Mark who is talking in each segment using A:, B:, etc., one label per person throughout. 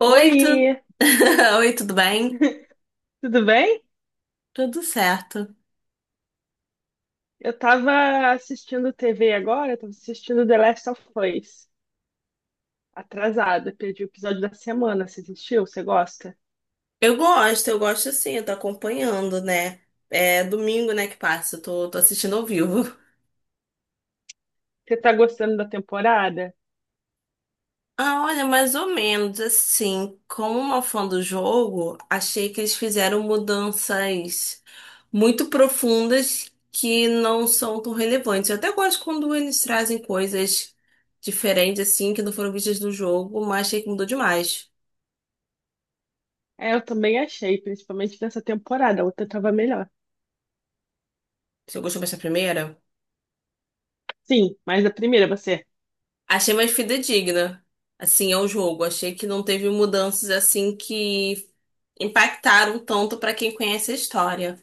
A: Oi, tu...
B: Oi,
A: Oi, tudo bem?
B: tudo bem?
A: Tudo certo.
B: Eu tava assistindo TV agora, eu tava assistindo The Last of Us. Atrasada, perdi o episódio da semana. Você assistiu? Você gosta?
A: Eu gosto sim, eu tô acompanhando, né? É domingo, né, que passa, eu tô assistindo ao vivo.
B: Você tá gostando da temporada?
A: Ah, olha, mais ou menos assim, como uma fã do jogo, achei que eles fizeram mudanças muito profundas que não são tão relevantes. Eu até gosto quando eles trazem coisas diferentes, assim, que não foram vistas no jogo, mas achei que mudou demais.
B: É, eu também achei, principalmente nessa temporada. A outra tava melhor.
A: Você gostou mais da primeira?
B: Sim, mas a primeira você.
A: Achei mais fidedigna, assim, ao jogo. Achei que não teve mudanças assim que impactaram tanto pra quem conhece a história.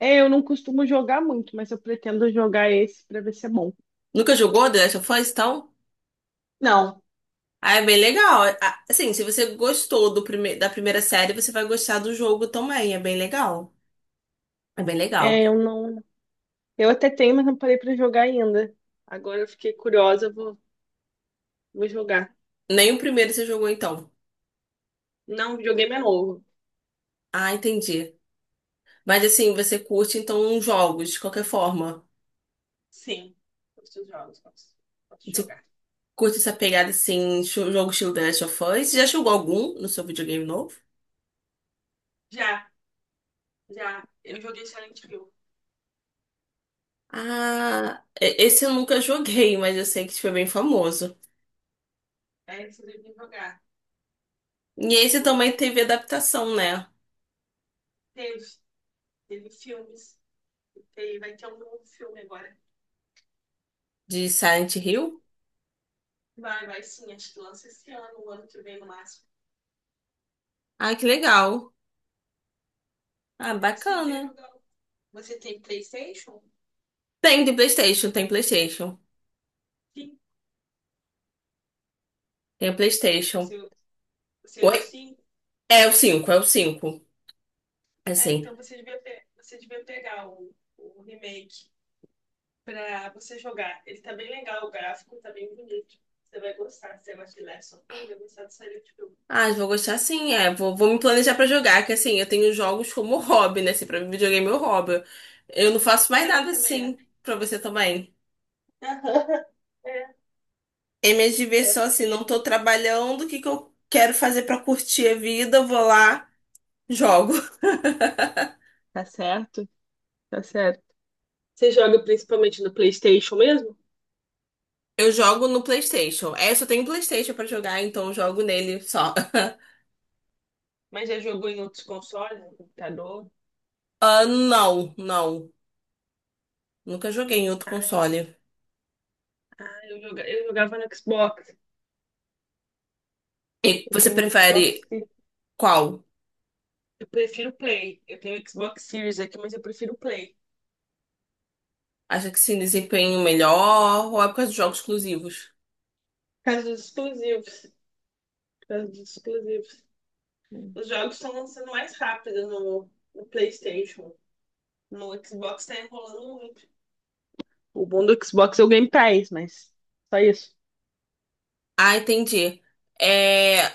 B: É, eu não costumo jogar muito, mas eu pretendo jogar esse pra ver se é bom.
A: Nunca jogou The Last of Us, então?
B: Não,
A: Ah, é bem legal. Ah, assim, se você gostou do prime da primeira série, você vai gostar do jogo também. É bem legal. É bem legal.
B: é, eu não. Eu até tenho, mas não parei pra jogar ainda. Agora eu fiquei curiosa, eu vou jogar.
A: Nem o primeiro você jogou, então.
B: Não, videogame é novo.
A: Ah, entendi. Mas assim, você curte, então, jogos, de qualquer forma.
B: Sim, os seus jogos, posso
A: Você
B: jogar.
A: curte essa pegada, assim, jogo estilo The Last of Us? Você já jogou algum no seu videogame novo?
B: Já, já, eu joguei Silent Hill.
A: Ah, esse eu nunca joguei, mas eu sei que foi bem famoso.
B: É, vocês devem jogar.
A: E esse
B: Bom,
A: também teve adaptação, né?
B: teve, teve filmes, teve, vai ter um novo filme agora.
A: De Silent Hill.
B: Vai sim, acho que lança esse ano, o ano que vem no máximo.
A: Ah, que legal. Ah,
B: É, vocês devem
A: bacana.
B: jogar. Você tem PlayStation?
A: Tem de PlayStation.
B: Sim.
A: Tem a PlayStation.
B: Seu, seu
A: Oi?
B: sim?
A: É o cinco, é o 5.
B: É,
A: Assim.
B: então você devia pegar o remake pra você jogar. Ele tá bem legal, o gráfico tá bem bonito. Você vai gostar, se você gosta de Last of Us, vai gostar do Silent Hill.
A: Ah, eu vou gostar sim, é. Vou me planejar pra jogar, que assim, eu tenho jogos como hobby, né? Assim, pra mim, videogame é meu hobby. Eu não faço mais
B: Pra mim
A: nada
B: também é.
A: assim, pra você também.
B: Aham. É,
A: É minha
B: é,
A: diversão
B: pra
A: assim,
B: mim é.
A: não tô trabalhando, o que que eu quero fazer pra curtir a vida? Eu vou lá, jogo.
B: Tá certo? Tá certo. Você joga principalmente no PlayStation mesmo?
A: Eu jogo no PlayStation. É, eu só tenho PlayStation pra jogar, então eu jogo nele só.
B: Mas já jogou em outros consoles, no computador?
A: Ah, não, não. Nunca joguei em outro
B: Ah,
A: console.
B: ah, eu jogava no Xbox.
A: E
B: Eu
A: você
B: tenho um
A: prefere
B: Xbox Series.
A: qual?
B: Eu prefiro o Play. Eu tenho o Xbox Series aqui, mas eu prefiro o Play.
A: Acha que sim, desempenho melhor ou é por causa dos jogos exclusivos?
B: Por causa dos exclusivos. Por causa dos exclusivos. Os jogos estão lançando mais rápido no PlayStation. No Xbox tá enrolando muito. O bom do Xbox é o Game Pass, mas só isso.
A: Ah, entendi. É,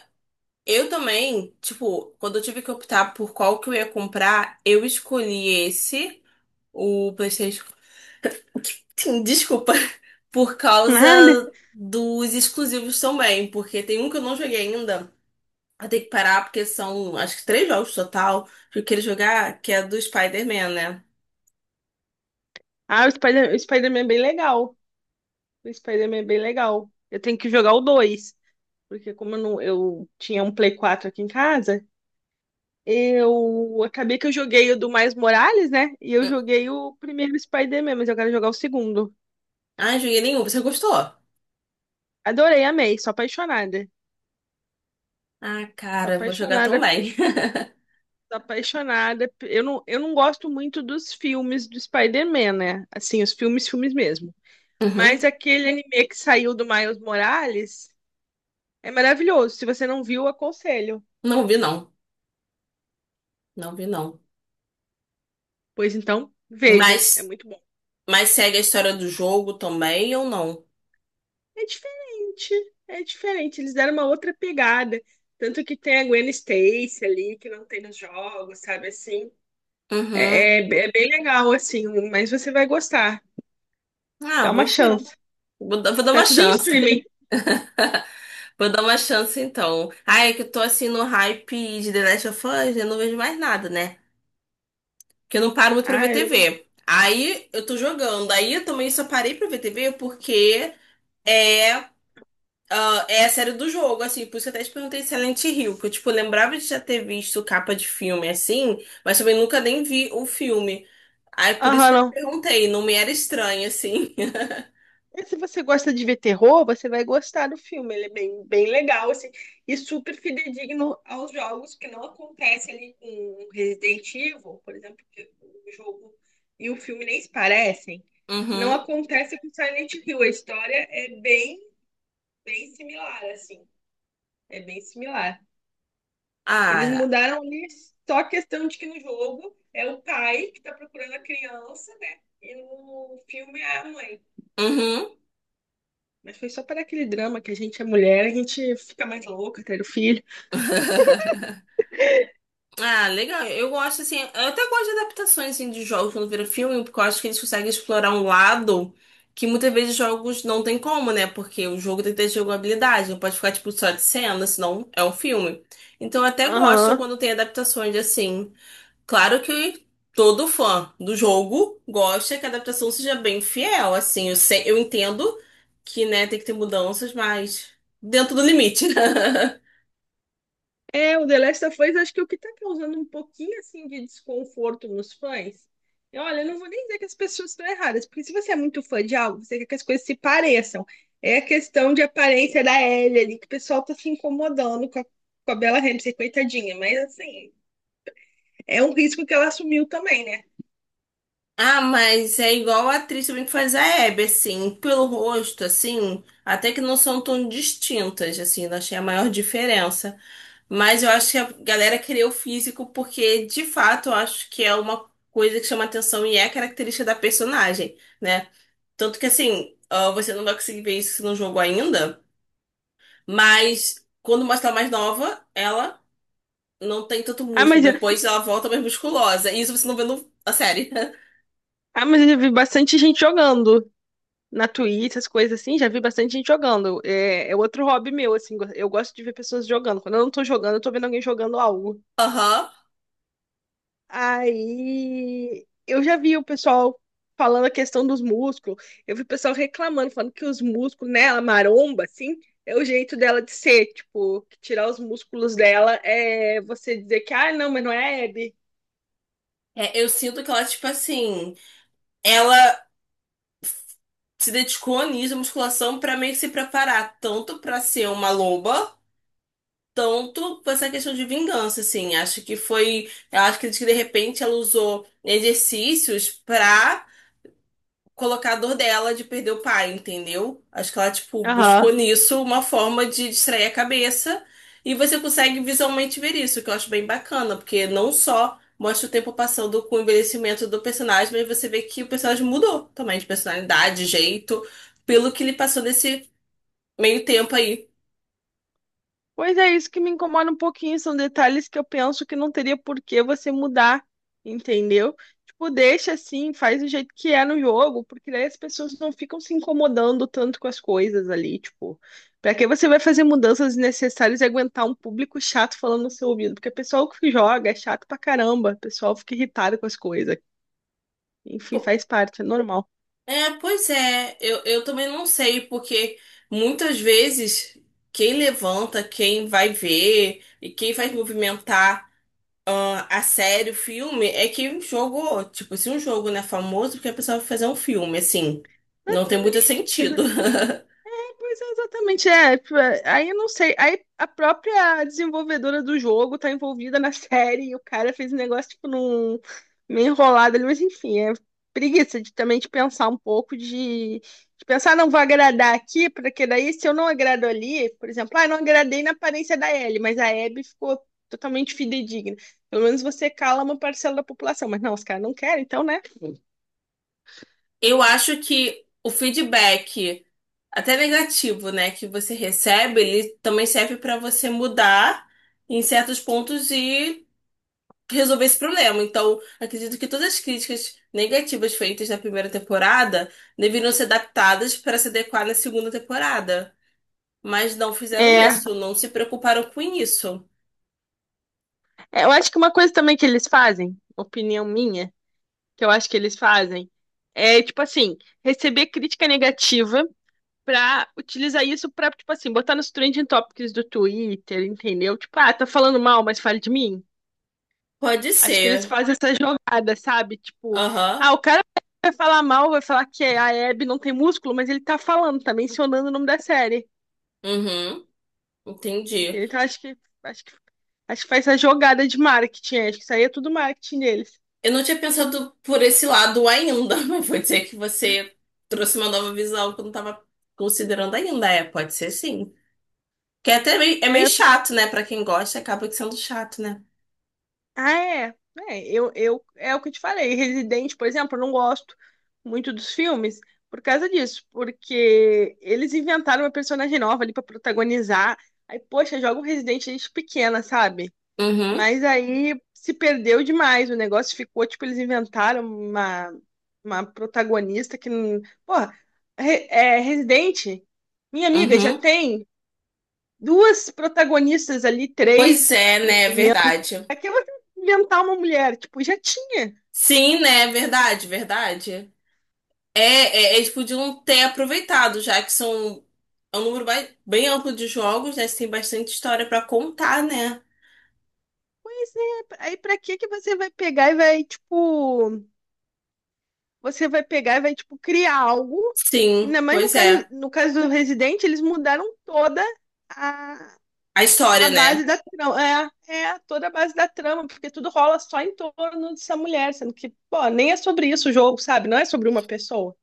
A: eu também, tipo, quando eu tive que optar por qual que eu ia comprar, eu escolhi esse, o PlayStation. Sim, desculpa. Por causa
B: Nada.
A: dos exclusivos também, porque tem um que eu não joguei ainda. Eu tenho que parar porque são, acho que três jogos total que eu queria jogar, que é do Spider-Man, né?
B: Ah, o Spider-Man é bem legal. O Spider-Man é bem legal. Eu tenho que jogar o 2, porque como eu, não- eu tinha um Play 4 aqui em casa, eu acabei que eu joguei o do Miles Morales, né? E eu joguei o primeiro Spider-Man, mas eu quero jogar o segundo.
A: Ah, não joguei nenhum. Você gostou?
B: Adorei, amei, sou apaixonada.
A: Ah,
B: Sou
A: cara, vou jogar
B: apaixonada,
A: também.
B: sou apaixonada. Eu não gosto muito dos filmes do Spider-Man, né? Assim, os filmes, filmes mesmo.
A: Uhum.
B: Mas aquele anime que saiu do Miles Morales é maravilhoso. Se você não viu, aconselho.
A: Não vi, não. Não vi, não.
B: Pois então, veja, é
A: Mas,
B: muito bom.
A: mas segue a história do jogo também ou não?
B: É diferente, é diferente. Eles deram uma outra pegada. Tanto que tem a Gwen Stacy ali, que não tem nos jogos, sabe assim.
A: Uhum.
B: É bem legal, assim, mas você vai gostar.
A: Ah,
B: Dá uma
A: vou ver.
B: chance.
A: Vou, vou dar
B: Tá
A: uma
B: tudo em
A: chance.
B: streaming.
A: Vou dar uma chance então. Ai é que eu tô assim no hype de The Last of Us, eu não vejo mais nada, né? Porque eu não paro muito pra ver
B: Ah, eu.
A: TV. Aí eu tô jogando. Aí eu também só parei pra ver TV porque é, ah, é a série do jogo, assim. Por isso que eu até te perguntei Silent Hill, que eu, tipo, lembrava de já ter visto capa de filme assim, mas também nunca nem vi o filme. Aí por isso
B: Aham,
A: que eu te
B: não.
A: perguntei, não me era estranho, assim.
B: E se você gosta de ver terror, você vai gostar do filme. Ele é bem, bem legal, assim, e super fidedigno aos jogos, que não acontece ali com Resident Evil, por exemplo, que o jogo e o filme nem se parecem. Não
A: Uhum.
B: acontece com Silent Hill. A história é bem, bem similar, assim. É bem similar. Eles
A: Ah,
B: mudaram ali só a questão de que no jogo é o pai que está procurando a criança, né? E no filme é a mãe.
A: uhum.
B: Mas foi só para aquele drama que a gente é mulher, a gente fica mais louca, ter o filho.
A: Ah, legal. Eu gosto, assim, eu até gosto de adaptações, assim, de jogos quando vira filme, porque eu acho que eles conseguem explorar um lado que muitas vezes jogos não tem como, né? Porque o jogo tem que ter jogabilidade, não pode ficar, tipo, só de cena, senão é um filme. Então eu até gosto
B: Aham.
A: quando tem adaptações, assim. Claro que todo fã do jogo gosta que a adaptação seja bem fiel, assim. Eu sei, eu entendo que, né, tem que ter mudanças, mas dentro do limite.
B: É, o The Last of Us acho que é o que tá causando um pouquinho assim de desconforto nos fãs. E olha, eu não vou nem dizer que as pessoas estão erradas, porque se você é muito fã de algo, você quer que as coisas se pareçam. É a questão de aparência da Ellie ali, que o pessoal tá se incomodando com a Bella Ramsey, coitadinha. Mas assim, é um risco que ela assumiu também, né?
A: Ah, mas é igual a atriz também que faz a Hebe, assim, pelo rosto, assim, até que não são tão distintas, assim, não achei a maior diferença. Mas eu acho que a galera queria o físico porque, de fato, eu acho que é uma coisa que chama atenção e é característica da personagem, né? Tanto que, assim, ah, você não vai conseguir ver isso no jogo ainda, mas quando mostra ela mais nova, ela não tem tanto
B: Ah,
A: músculo,
B: mas, eu-
A: depois ela volta mais musculosa, e isso você não vê na série.
B: ah, mas eu vi bastante gente jogando na Twitch, essas coisas assim, já vi bastante gente jogando. É, é outro hobby meu, assim, eu gosto de ver pessoas jogando. Quando eu não tô jogando, eu tô vendo alguém jogando algo.
A: Aham.
B: Aí eu já vi o pessoal falando a questão dos músculos. Eu vi o pessoal reclamando, falando que os músculos nela, maromba, assim, é o jeito dela de ser. Tipo, que tirar os músculos dela é você dizer que, ah, não, mas não é hebe.
A: É, eu sinto que ela, tipo assim, ela se dedicou nisso, à musculação, pra meio que se preparar, tanto pra ser uma loba, tanto pra essa questão de vingança, assim. Acho que foi. Eu acho que de repente ela usou exercícios pra colocar a dor dela de perder o pai, entendeu? Acho que ela, tipo, buscou nisso uma forma de distrair a cabeça e você consegue visualmente ver isso, que eu acho bem bacana, porque não só mostra o tempo passando com o envelhecimento do personagem, mas você vê que o personagem mudou também de personalidade, jeito, pelo que ele passou nesse meio tempo aí.
B: Pois é, isso que me incomoda um pouquinho, são detalhes que eu penso que não teria por que você mudar, entendeu? Tipo, deixa assim, faz do jeito que é no jogo, porque daí as pessoas não ficam se incomodando tanto com as coisas ali, tipo, pra que você vai fazer mudanças desnecessárias e aguentar um público chato falando no seu ouvido? Porque o pessoal que joga é chato pra caramba, o pessoal fica irritado com as coisas. Enfim,
A: Po-
B: faz parte, é normal.
A: É, pois é, eu também não sei, porque muitas vezes quem levanta, quem vai ver e quem vai movimentar ah, a série, o filme, é que um jogo, tipo, se um jogo não é famoso, porque a pessoa vai fazer um filme, assim, não tem muito sentido.
B: Pois é, exatamente, é, tipo, é. Aí eu não sei. Aí a própria desenvolvedora do jogo tá envolvida na série e o cara fez um negócio, tipo, num meio enrolado ali, mas enfim, é preguiça de também de pensar um pouco, de pensar, "Ah, não vou agradar aqui, porque daí se eu não agrado ali, por exemplo, ah, não agradei na aparência da Ellie, mas a Abby ficou totalmente fidedigna. Pelo menos você cala uma parcela da população, mas não, os caras não querem, então, né?
A: Eu acho que o feedback, até negativo, né, que você recebe, ele também serve para você mudar em certos pontos e resolver esse problema. Então, acredito que todas as críticas negativas feitas na primeira temporada deveriam ser adaptadas para se adequar na segunda temporada. Mas não fizeram
B: É,
A: isso, não se preocuparam com isso.
B: é, eu acho que uma coisa também que eles fazem, opinião minha, que eu acho que eles fazem, é tipo assim, receber crítica negativa pra utilizar isso pra, tipo assim, botar nos trending topics do Twitter, entendeu? Tipo, ah, tá falando mal, mas fale de mim.
A: Pode
B: Acho que eles
A: ser.
B: fazem essa jogada, sabe? Tipo,
A: Aham.
B: ah, o cara vai falar mal, vai falar que a Hebe não tem músculo, mas ele tá falando, tá mencionando o nome da série.
A: Uhum. Entendi.
B: Entendeu? Então acho que acho que faz essa jogada de marketing, acho que isso aí é tudo marketing deles.
A: Eu não tinha pensado por esse lado ainda, mas vou dizer que você trouxe uma nova visão que eu não estava considerando ainda. É, pode ser sim. Que é até meio, é meio
B: É, eu fico.
A: chato, né? Pra quem gosta, acaba sendo chato, né?
B: Ah, é. É, eu, é o que eu te falei. Resident, por exemplo, eu não gosto muito dos filmes por causa disso, porque eles inventaram uma personagem nova ali pra protagonizar. Aí, poxa, joga um Resident desde pequena, sabe?
A: Uhum,
B: Mas aí se perdeu demais. O negócio ficou, tipo, eles inventaram uma protagonista que. Não. Porra, Resident, minha amiga, já
A: uhum.
B: tem duas protagonistas ali,
A: Pois
B: três.
A: é, né? É verdade.
B: Aqui você inventar uma mulher, tipo, já tinha.
A: Sim, né? É verdade, verdade. É, é, é, eles podiam ter aproveitado, já que são é um número bem amplo de jogos, né? Você tem bastante história pra contar, né?
B: Pois é, aí pra que que você vai pegar e vai, tipo, criar algo?
A: Sim,
B: Ainda mais no
A: pois
B: caso,
A: é.
B: no caso do Resident, eles mudaram toda a,
A: A
B: a
A: história, né?
B: base da trama. É, é toda a base da trama, porque tudo rola só em torno dessa mulher, sendo que, pô, nem é sobre isso o jogo, sabe? Não é sobre uma pessoa.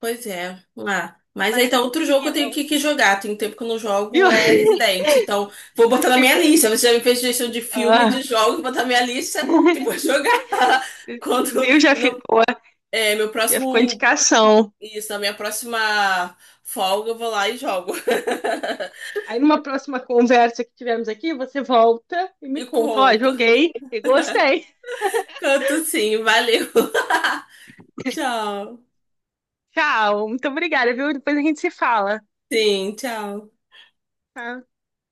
A: Pois é. Ah, mas
B: Mas
A: então, outro jogo
B: enfim,
A: que eu tenho
B: eu.
A: que jogar. Tem um tempo que eu não
B: Viu?
A: jogo é Resident. Então, vou botar na minha
B: Fica-
A: lista. Você já me fez sugestão de filme, de
B: ah,
A: jogo, vou botar na minha lista e vou jogar. Quando
B: Viu? Já
A: no,
B: ficou,
A: é, meu
B: já ficou
A: próximo.
B: indicação.
A: Isso, na minha próxima folga, eu vou lá e jogo.
B: Aí numa próxima conversa que tivermos aqui, você volta e me
A: E
B: conta, ó,
A: conto.
B: joguei e gostei.
A: Canto sim, valeu. Tchau.
B: Tchau, muito obrigada, viu? Depois a gente se fala.
A: Sim, tchau.
B: Tá?